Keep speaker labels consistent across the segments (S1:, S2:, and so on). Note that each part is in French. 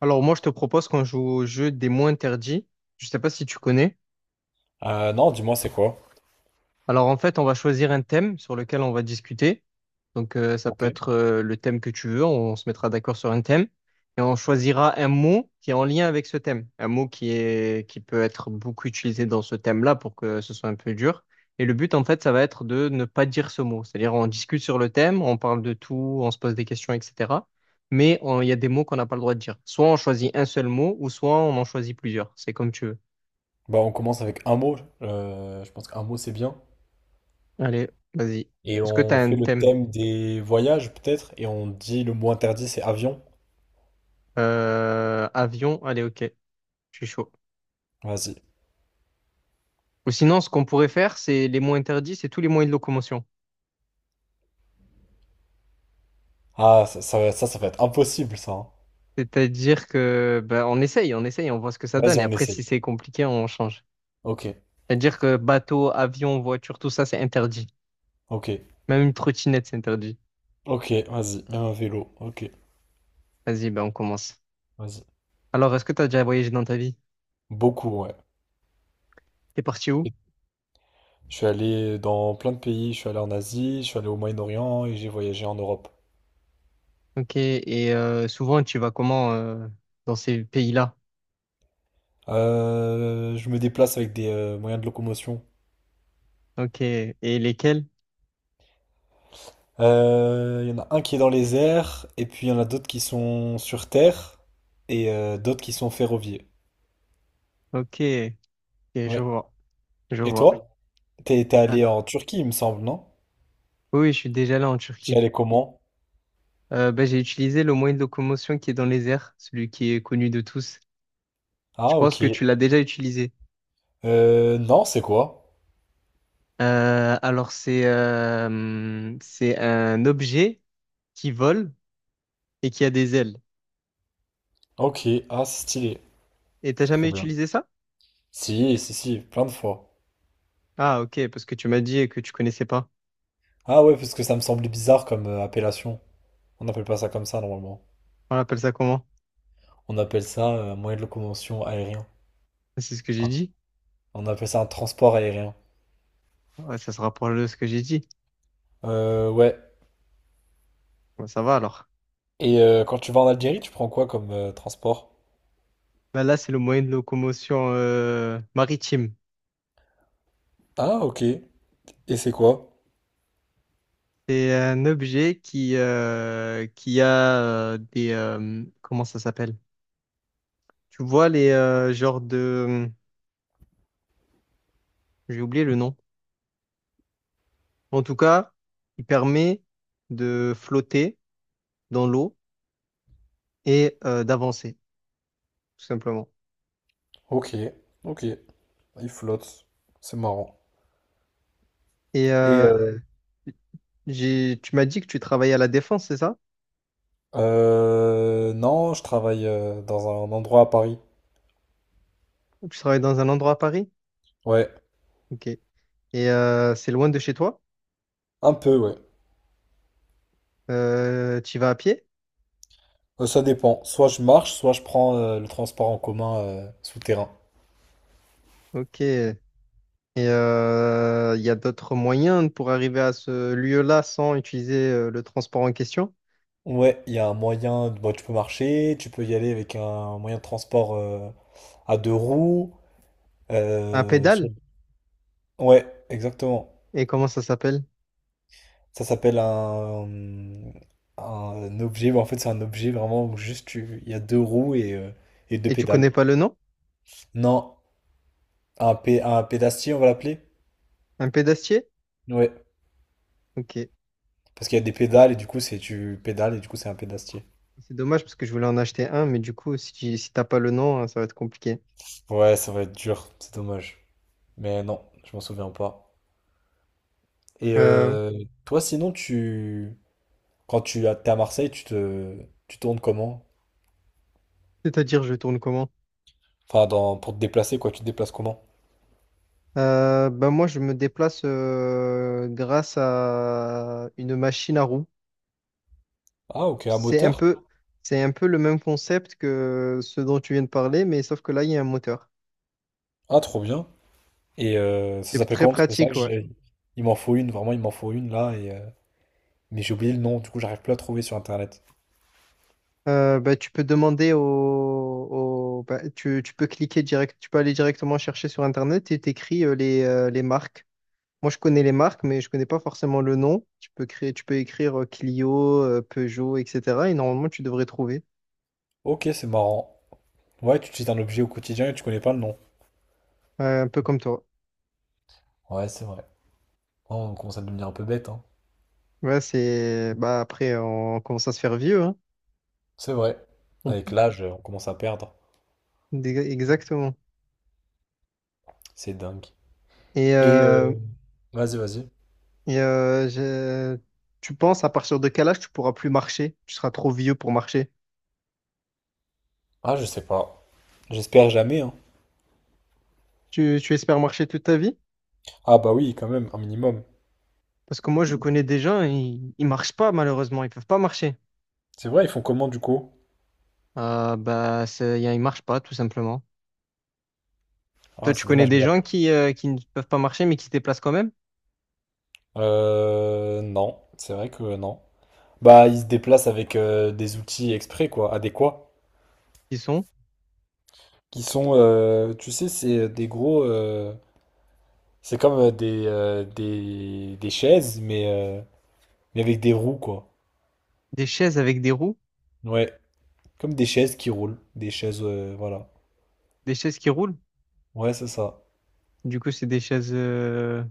S1: Alors moi, je te propose qu'on joue au jeu des mots interdits. Je sais pas si tu connais.
S2: Non, dis-moi, c'est quoi?
S1: Alors en fait, on va choisir un thème sur lequel on va discuter. Donc ça
S2: Ok.
S1: peut être le thème que tu veux, on se mettra d'accord sur un thème et on choisira un mot qui est en lien avec ce thème, un mot qui peut être beaucoup utilisé dans ce thème-là pour que ce soit un peu dur. Et le but en fait, ça va être de ne pas dire ce mot. C'est-à-dire on discute sur le thème, on parle de tout, on se pose des questions, etc. Mais il y a des mots qu'on n'a pas le droit de dire. Soit on choisit un seul mot ou soit on en choisit plusieurs. C'est comme tu veux.
S2: Bah, on commence avec un mot. Je pense qu'un mot, c'est bien.
S1: Allez, vas-y.
S2: Et
S1: Est-ce que tu
S2: on
S1: as un
S2: fait le
S1: thème?
S2: thème des voyages, peut-être. Et on dit le mot interdit, c'est avion.
S1: Avion, allez, ok, je suis chaud.
S2: Vas-y.
S1: Ou sinon, ce qu'on pourrait faire, c'est les mots interdits, c'est tous les moyens de locomotion.
S2: Ah, ça va être impossible, ça, hein.
S1: C'est-à-dire que ben, on essaye, on essaye, on voit ce que ça
S2: Vas-y,
S1: donne. Et
S2: on
S1: après, si
S2: essaye.
S1: c'est compliqué, on change.
S2: Ok,
S1: C'est-à-dire que bateau, avion, voiture, tout ça, c'est interdit.
S2: ok,
S1: Même une trottinette, c'est interdit.
S2: ok, vas-y. Même un vélo. Ok,
S1: Vas-y, ben, on commence.
S2: vas-y.
S1: Alors, est-ce que tu as déjà voyagé dans ta vie?
S2: Beaucoup, ouais.
S1: T'es parti où?
S2: Je suis allé dans plein de pays. Je suis allé en Asie, je suis allé au Moyen-Orient et j'ai voyagé en Europe.
S1: Ok, et souvent, tu vas comment dans ces pays-là?
S2: Je me déplace avec des moyens de locomotion.
S1: Ok, et lesquels?
S2: Il y en a un qui est dans les airs, et puis il y en a d'autres qui sont sur terre, et d'autres qui sont ferroviaires.
S1: Ok, je
S2: Ouais.
S1: vois, je
S2: Et oui.
S1: vois.
S2: Toi? T'es
S1: Ah.
S2: allé en Turquie, il me semble, non?
S1: Oui, oui, je suis déjà là en
S2: T'y
S1: Turquie.
S2: allé comment?
S1: J'ai utilisé le moyen de locomotion qui est dans les airs, celui qui est connu de tous. Je
S2: Ah,
S1: pense
S2: ok.
S1: que tu l'as déjà utilisé.
S2: Non, c'est quoi?
S1: C'est un objet qui vole et qui a des ailes.
S2: Ok, ah, c'est stylé.
S1: Et t'as jamais
S2: Trop bien.
S1: utilisé ça?
S2: Si, si, si, plein de fois.
S1: Ah, ok, parce que tu m'as dit que tu connaissais pas.
S2: Ah ouais, parce que ça me semblait bizarre comme appellation. On n'appelle pas ça comme ça, normalement.
S1: On appelle ça comment?
S2: On appelle ça moyen de locomotion aérien.
S1: Ah, c'est ce que j'ai
S2: Ah.
S1: dit.
S2: On appelle ça un transport aérien.
S1: Ouais, ça se rapproche de ce que j'ai dit.
S2: Ouais.
S1: Bah, ça va alors.
S2: Et quand tu vas en Algérie, tu prends quoi comme transport?
S1: Bah, là, c'est le moyen de locomotion maritime.
S2: Ah, ok. Et c'est quoi?
S1: C'est un objet qui qui a comment ça s'appelle? Tu vois les genres de... J'ai oublié le nom. En tout cas, il permet de flotter dans l'eau et d'avancer, tout simplement.
S2: Ok, ok. Il flotte. C'est marrant.
S1: Et
S2: Et
S1: tu m'as dit que tu travaillais à la Défense, c'est ça?
S2: non, je travaille dans un endroit à Paris.
S1: Tu travailles dans un endroit à Paris?
S2: Ouais,
S1: Ok. Et c'est loin de chez toi?
S2: un peu, ouais.
S1: Tu y vas à pied?
S2: Ça dépend. Soit je marche, soit je prends le transport en commun souterrain.
S1: Ok. Et il y a d'autres moyens pour arriver à ce lieu-là sans utiliser le transport en question?
S2: Ouais, il y a un moyen. Bon, tu peux marcher, tu peux y aller avec un moyen de transport à deux roues.
S1: Un
S2: euh, sur-
S1: pédale?
S2: Ouais, exactement.
S1: Et comment ça s'appelle?
S2: Ça s'appelle un objet. En fait, c'est un objet vraiment où il y a deux roues et et deux
S1: Et tu
S2: pédales.
S1: connais pas le nom?
S2: Non, un pédastier, on va l'appeler?
S1: Un pédastier?
S2: Ouais.
S1: Ok.
S2: Parce qu'il y a des pédales et du coup, c'est tu pédales et du coup, c'est un pédastier.
S1: C'est dommage parce que je voulais en acheter un, mais du coup, si t'as pas le nom, hein, ça va être compliqué.
S2: Ouais, ça va être dur, c'est dommage. Mais non, je m'en souviens pas. Et
S1: Euh,
S2: toi, sinon, tu quand t'es à Marseille, tu tournes comment?
S1: c'est-à-dire, je tourne comment?
S2: Enfin, dans... pour te déplacer, quoi, tu te déplaces comment?
S1: Ben moi, je me déplace grâce à une machine à roues.
S2: Ah, ok, à
S1: C'est un
S2: moteur?
S1: peu, c'est un peu le même concept que ce dont tu viens de parler, mais sauf que là, il y a un moteur.
S2: Ah, trop bien. Et ça
S1: C'est
S2: s'appelle
S1: très
S2: comment? Parce que c'est vrai
S1: pratique,
S2: que
S1: ouais.
S2: j'ai- il m'en faut une, vraiment, il m'en faut une là. Mais j'ai oublié le nom, du coup, j'arrive plus à trouver sur internet.
S1: Ben, tu peux demander ben, tu peux cliquer direct, tu peux aller directement chercher sur Internet et t'écris les marques. Moi, je connais les marques, mais je connais pas forcément le nom. Tu peux créer, tu peux écrire Clio, Peugeot, etc. Et normalement, tu devrais trouver.
S2: Ok, c'est marrant. Ouais, tu utilises un objet au quotidien et tu connais pas le nom.
S1: Ouais, un peu comme toi.
S2: Ouais, c'est vrai. Oh, on commence à devenir un peu bête, hein.
S1: Ouais, c'est bah après, on commence à se faire vieux, hein.
S2: C'est vrai. Avec
S1: On-
S2: l'âge, on commence à perdre.
S1: Exactement.
S2: C'est dingue.
S1: Et,
S2: Et
S1: euh,
S2: vas-y, vas-y.
S1: et, euh, je- tu penses à partir de quel âge tu pourras plus marcher? Tu seras trop vieux pour marcher.
S2: Ah, je sais pas. J'espère jamais, hein.
S1: Tu espères marcher toute ta vie?
S2: Ah bah oui, quand même, un minimum.
S1: Parce que moi, je connais des gens, ils marchent pas malheureusement, ils peuvent pas marcher.
S2: C'est vrai, ils font comment du coup?
S1: Ils marchent pas tout simplement. Toi,
S2: Ah,
S1: tu
S2: c'est
S1: connais
S2: dommage, mais
S1: des gens
S2: pas.
S1: qui ne peuvent pas marcher mais qui se déplacent quand même,
S2: Non, c'est vrai que non. Bah, ils se déplacent avec des outils exprès, quoi, adéquats,
S1: qui sont
S2: qui sont, tu sais, c'est des gros, c'est comme des chaises, mais avec des roues, quoi.
S1: des chaises avec des roues,
S2: Ouais, comme des chaises qui roulent, des chaises, voilà.
S1: des chaises qui roulent.
S2: Ouais, c'est ça.
S1: Du coup, c'est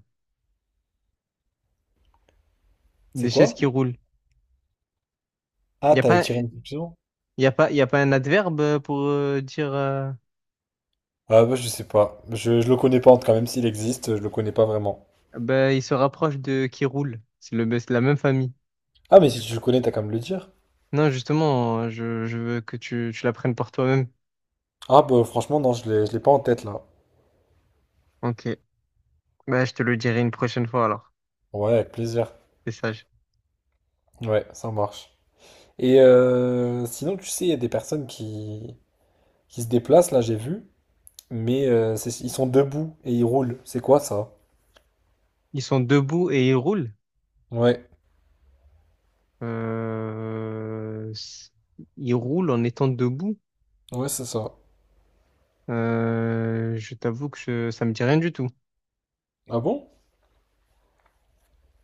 S2: C'est
S1: des chaises
S2: quoi?
S1: qui roulent. Il
S2: Ah,
S1: n'y a
S2: t'allais
S1: pas,
S2: tirer une conclusion?
S1: il y a pas un adverbe pour dire
S2: Ah, bah, je sais pas. Je le connais pas, en tout cas, même s'il existe, je le connais pas vraiment.
S1: ben, il se rapproche de qui roule. C'est la même famille.
S2: Ah, mais si tu le connais, t'as qu'à me le dire.
S1: Non, justement, je veux que tu l'apprennes par toi-même.
S2: Ah, bah, franchement, non, je l'ai pas en tête, là.
S1: Ok. Bah, je te le dirai une prochaine fois alors.
S2: Ouais, avec plaisir.
S1: C'est sage.
S2: Ouais, ça marche. Et sinon, tu sais, il y a des personnes qui se déplacent, là j'ai vu, mais ils sont debout et ils roulent. C'est quoi ça?
S1: Ils sont debout et ils roulent.
S2: Ouais,
S1: Euh, s- Ils roulent en étant debout.
S2: ouais, c'est ça.
S1: Je t'avoue que ça me dit rien du tout.
S2: Ah bon?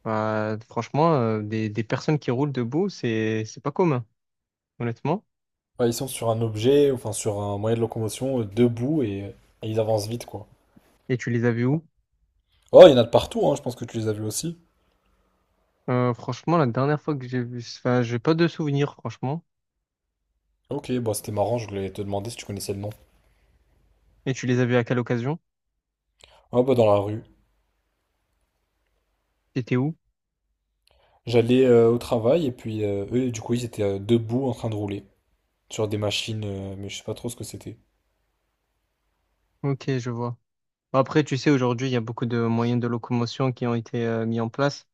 S1: Bah, franchement, des personnes qui roulent debout, c'est pas commun, honnêtement.
S2: Ouais, ils sont sur un objet, enfin sur un moyen de locomotion, debout et ils avancent vite, quoi.
S1: Et tu les as vues où?
S2: Oh, il y en a de partout, hein, je pense que tu les as vus aussi.
S1: Franchement, la dernière fois que j'ai vu, enfin, j'ai pas de souvenirs, franchement.
S2: Ok, bah c'était marrant, je voulais te demander si tu connaissais le nom.
S1: Et tu les as vues à quelle occasion?
S2: Ah bah dans la rue.
S1: C'était où?
S2: J'allais au travail et puis eux, du coup, ils étaient debout en train de rouler sur des machines, mais je sais pas trop ce que c'était.
S1: Ok, je vois. Bah, après, tu sais, aujourd'hui, il y a beaucoup de moyens de locomotion qui ont été mis en place,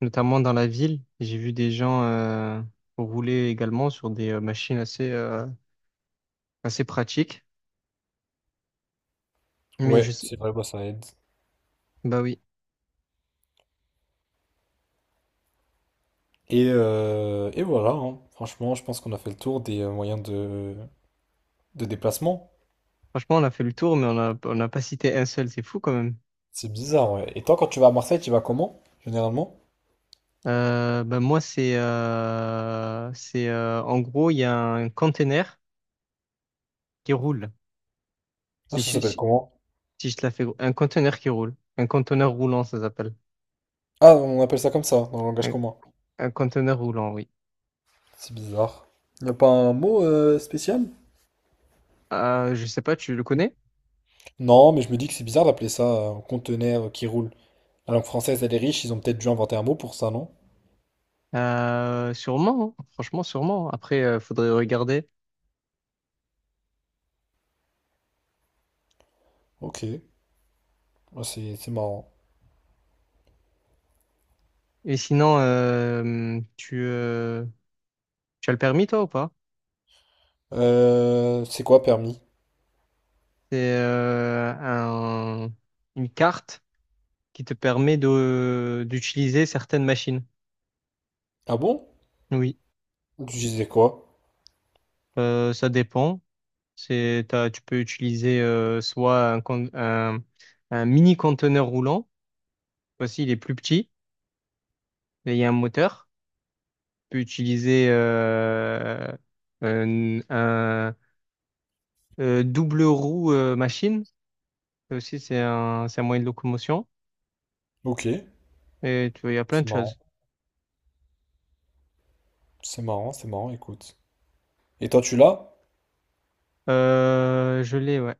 S1: notamment dans la ville. J'ai vu des gens rouler également sur des machines assez pratiques. Mais je
S2: Ouais,
S1: sais,
S2: c'est vrai, bah ça aide.
S1: bah oui.
S2: Et voilà, hein. Franchement, je pense qu'on a fait le tour des moyens de déplacement.
S1: Franchement, on a fait le tour, mais on n'a pas cité un seul, c'est fou quand même.
S2: C'est bizarre, ouais. Et toi, quand tu vas à Marseille, tu vas comment, généralement?
S1: Ben moi, c'est en gros, il y a un conteneur qui roule.
S2: Ah,
S1: Si
S2: ça
S1: je,
S2: s'appelle
S1: si,
S2: comment?
S1: si je te la fais, gros. Un conteneur qui roule, un conteneur roulant, ça s'appelle.
S2: Ah, on appelle ça comme ça, dans le langage
S1: Un,
S2: commun.
S1: un conteneur roulant, oui.
S2: C'est bizarre. Y a pas un mot spécial?
S1: Je sais pas, tu le connais?
S2: Non, mais je me dis que c'est bizarre d'appeler ça un conteneur qui roule. La langue française, elle est riche, ils ont peut-être dû inventer un mot pour ça, non?
S1: Sûrement, hein. Franchement, sûrement. Après, faudrait regarder.
S2: Ok, ah, c'est marrant.
S1: Et sinon, tu as le permis, toi, ou pas?
S2: C'est quoi permis?
S1: C'est euh, un- une carte qui te permet de d'utiliser certaines machines.
S2: Ah bon?
S1: Oui.
S2: Tu disais quoi?
S1: Ça dépend. Tu peux utiliser soit un mini conteneur roulant, voici il est plus petit, et il y a un moteur. Tu peux utiliser un, un, double roue machine. Ça aussi c'est un moyen de locomotion.
S2: Ok,
S1: Et tu vois, il y a plein
S2: c'est
S1: de
S2: marrant,
S1: choses.
S2: c'est marrant, c'est marrant, écoute. Et toi, tu l'as?
S1: Je l'ai, ouais.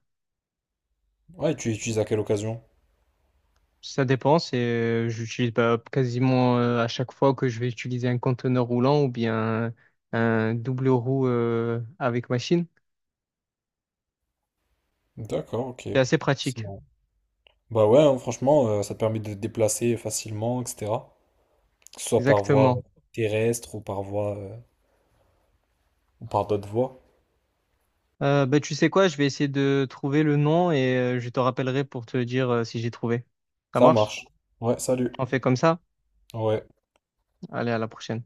S2: Ouais, et tu l'utilises à quelle occasion?
S1: Ça dépend, c'est j'utilise bah, quasiment à chaque fois que je vais utiliser un conteneur roulant ou bien un double roue avec machine.
S2: D'accord, ok.
S1: C'est assez
S2: C'est
S1: pratique.
S2: marrant. Bah ouais, hein, franchement, ça te permet de te déplacer facilement, etc. Que ce soit par voie
S1: Exactement.
S2: terrestre ou par voie, ou par d'autres voies.
S1: Bah, tu sais quoi, je vais essayer de trouver le nom et je te rappellerai pour te dire si j'ai trouvé. Ça
S2: Ça
S1: marche?
S2: marche. Ouais, salut.
S1: On fait comme ça?
S2: Ouais.
S1: Allez, à la prochaine.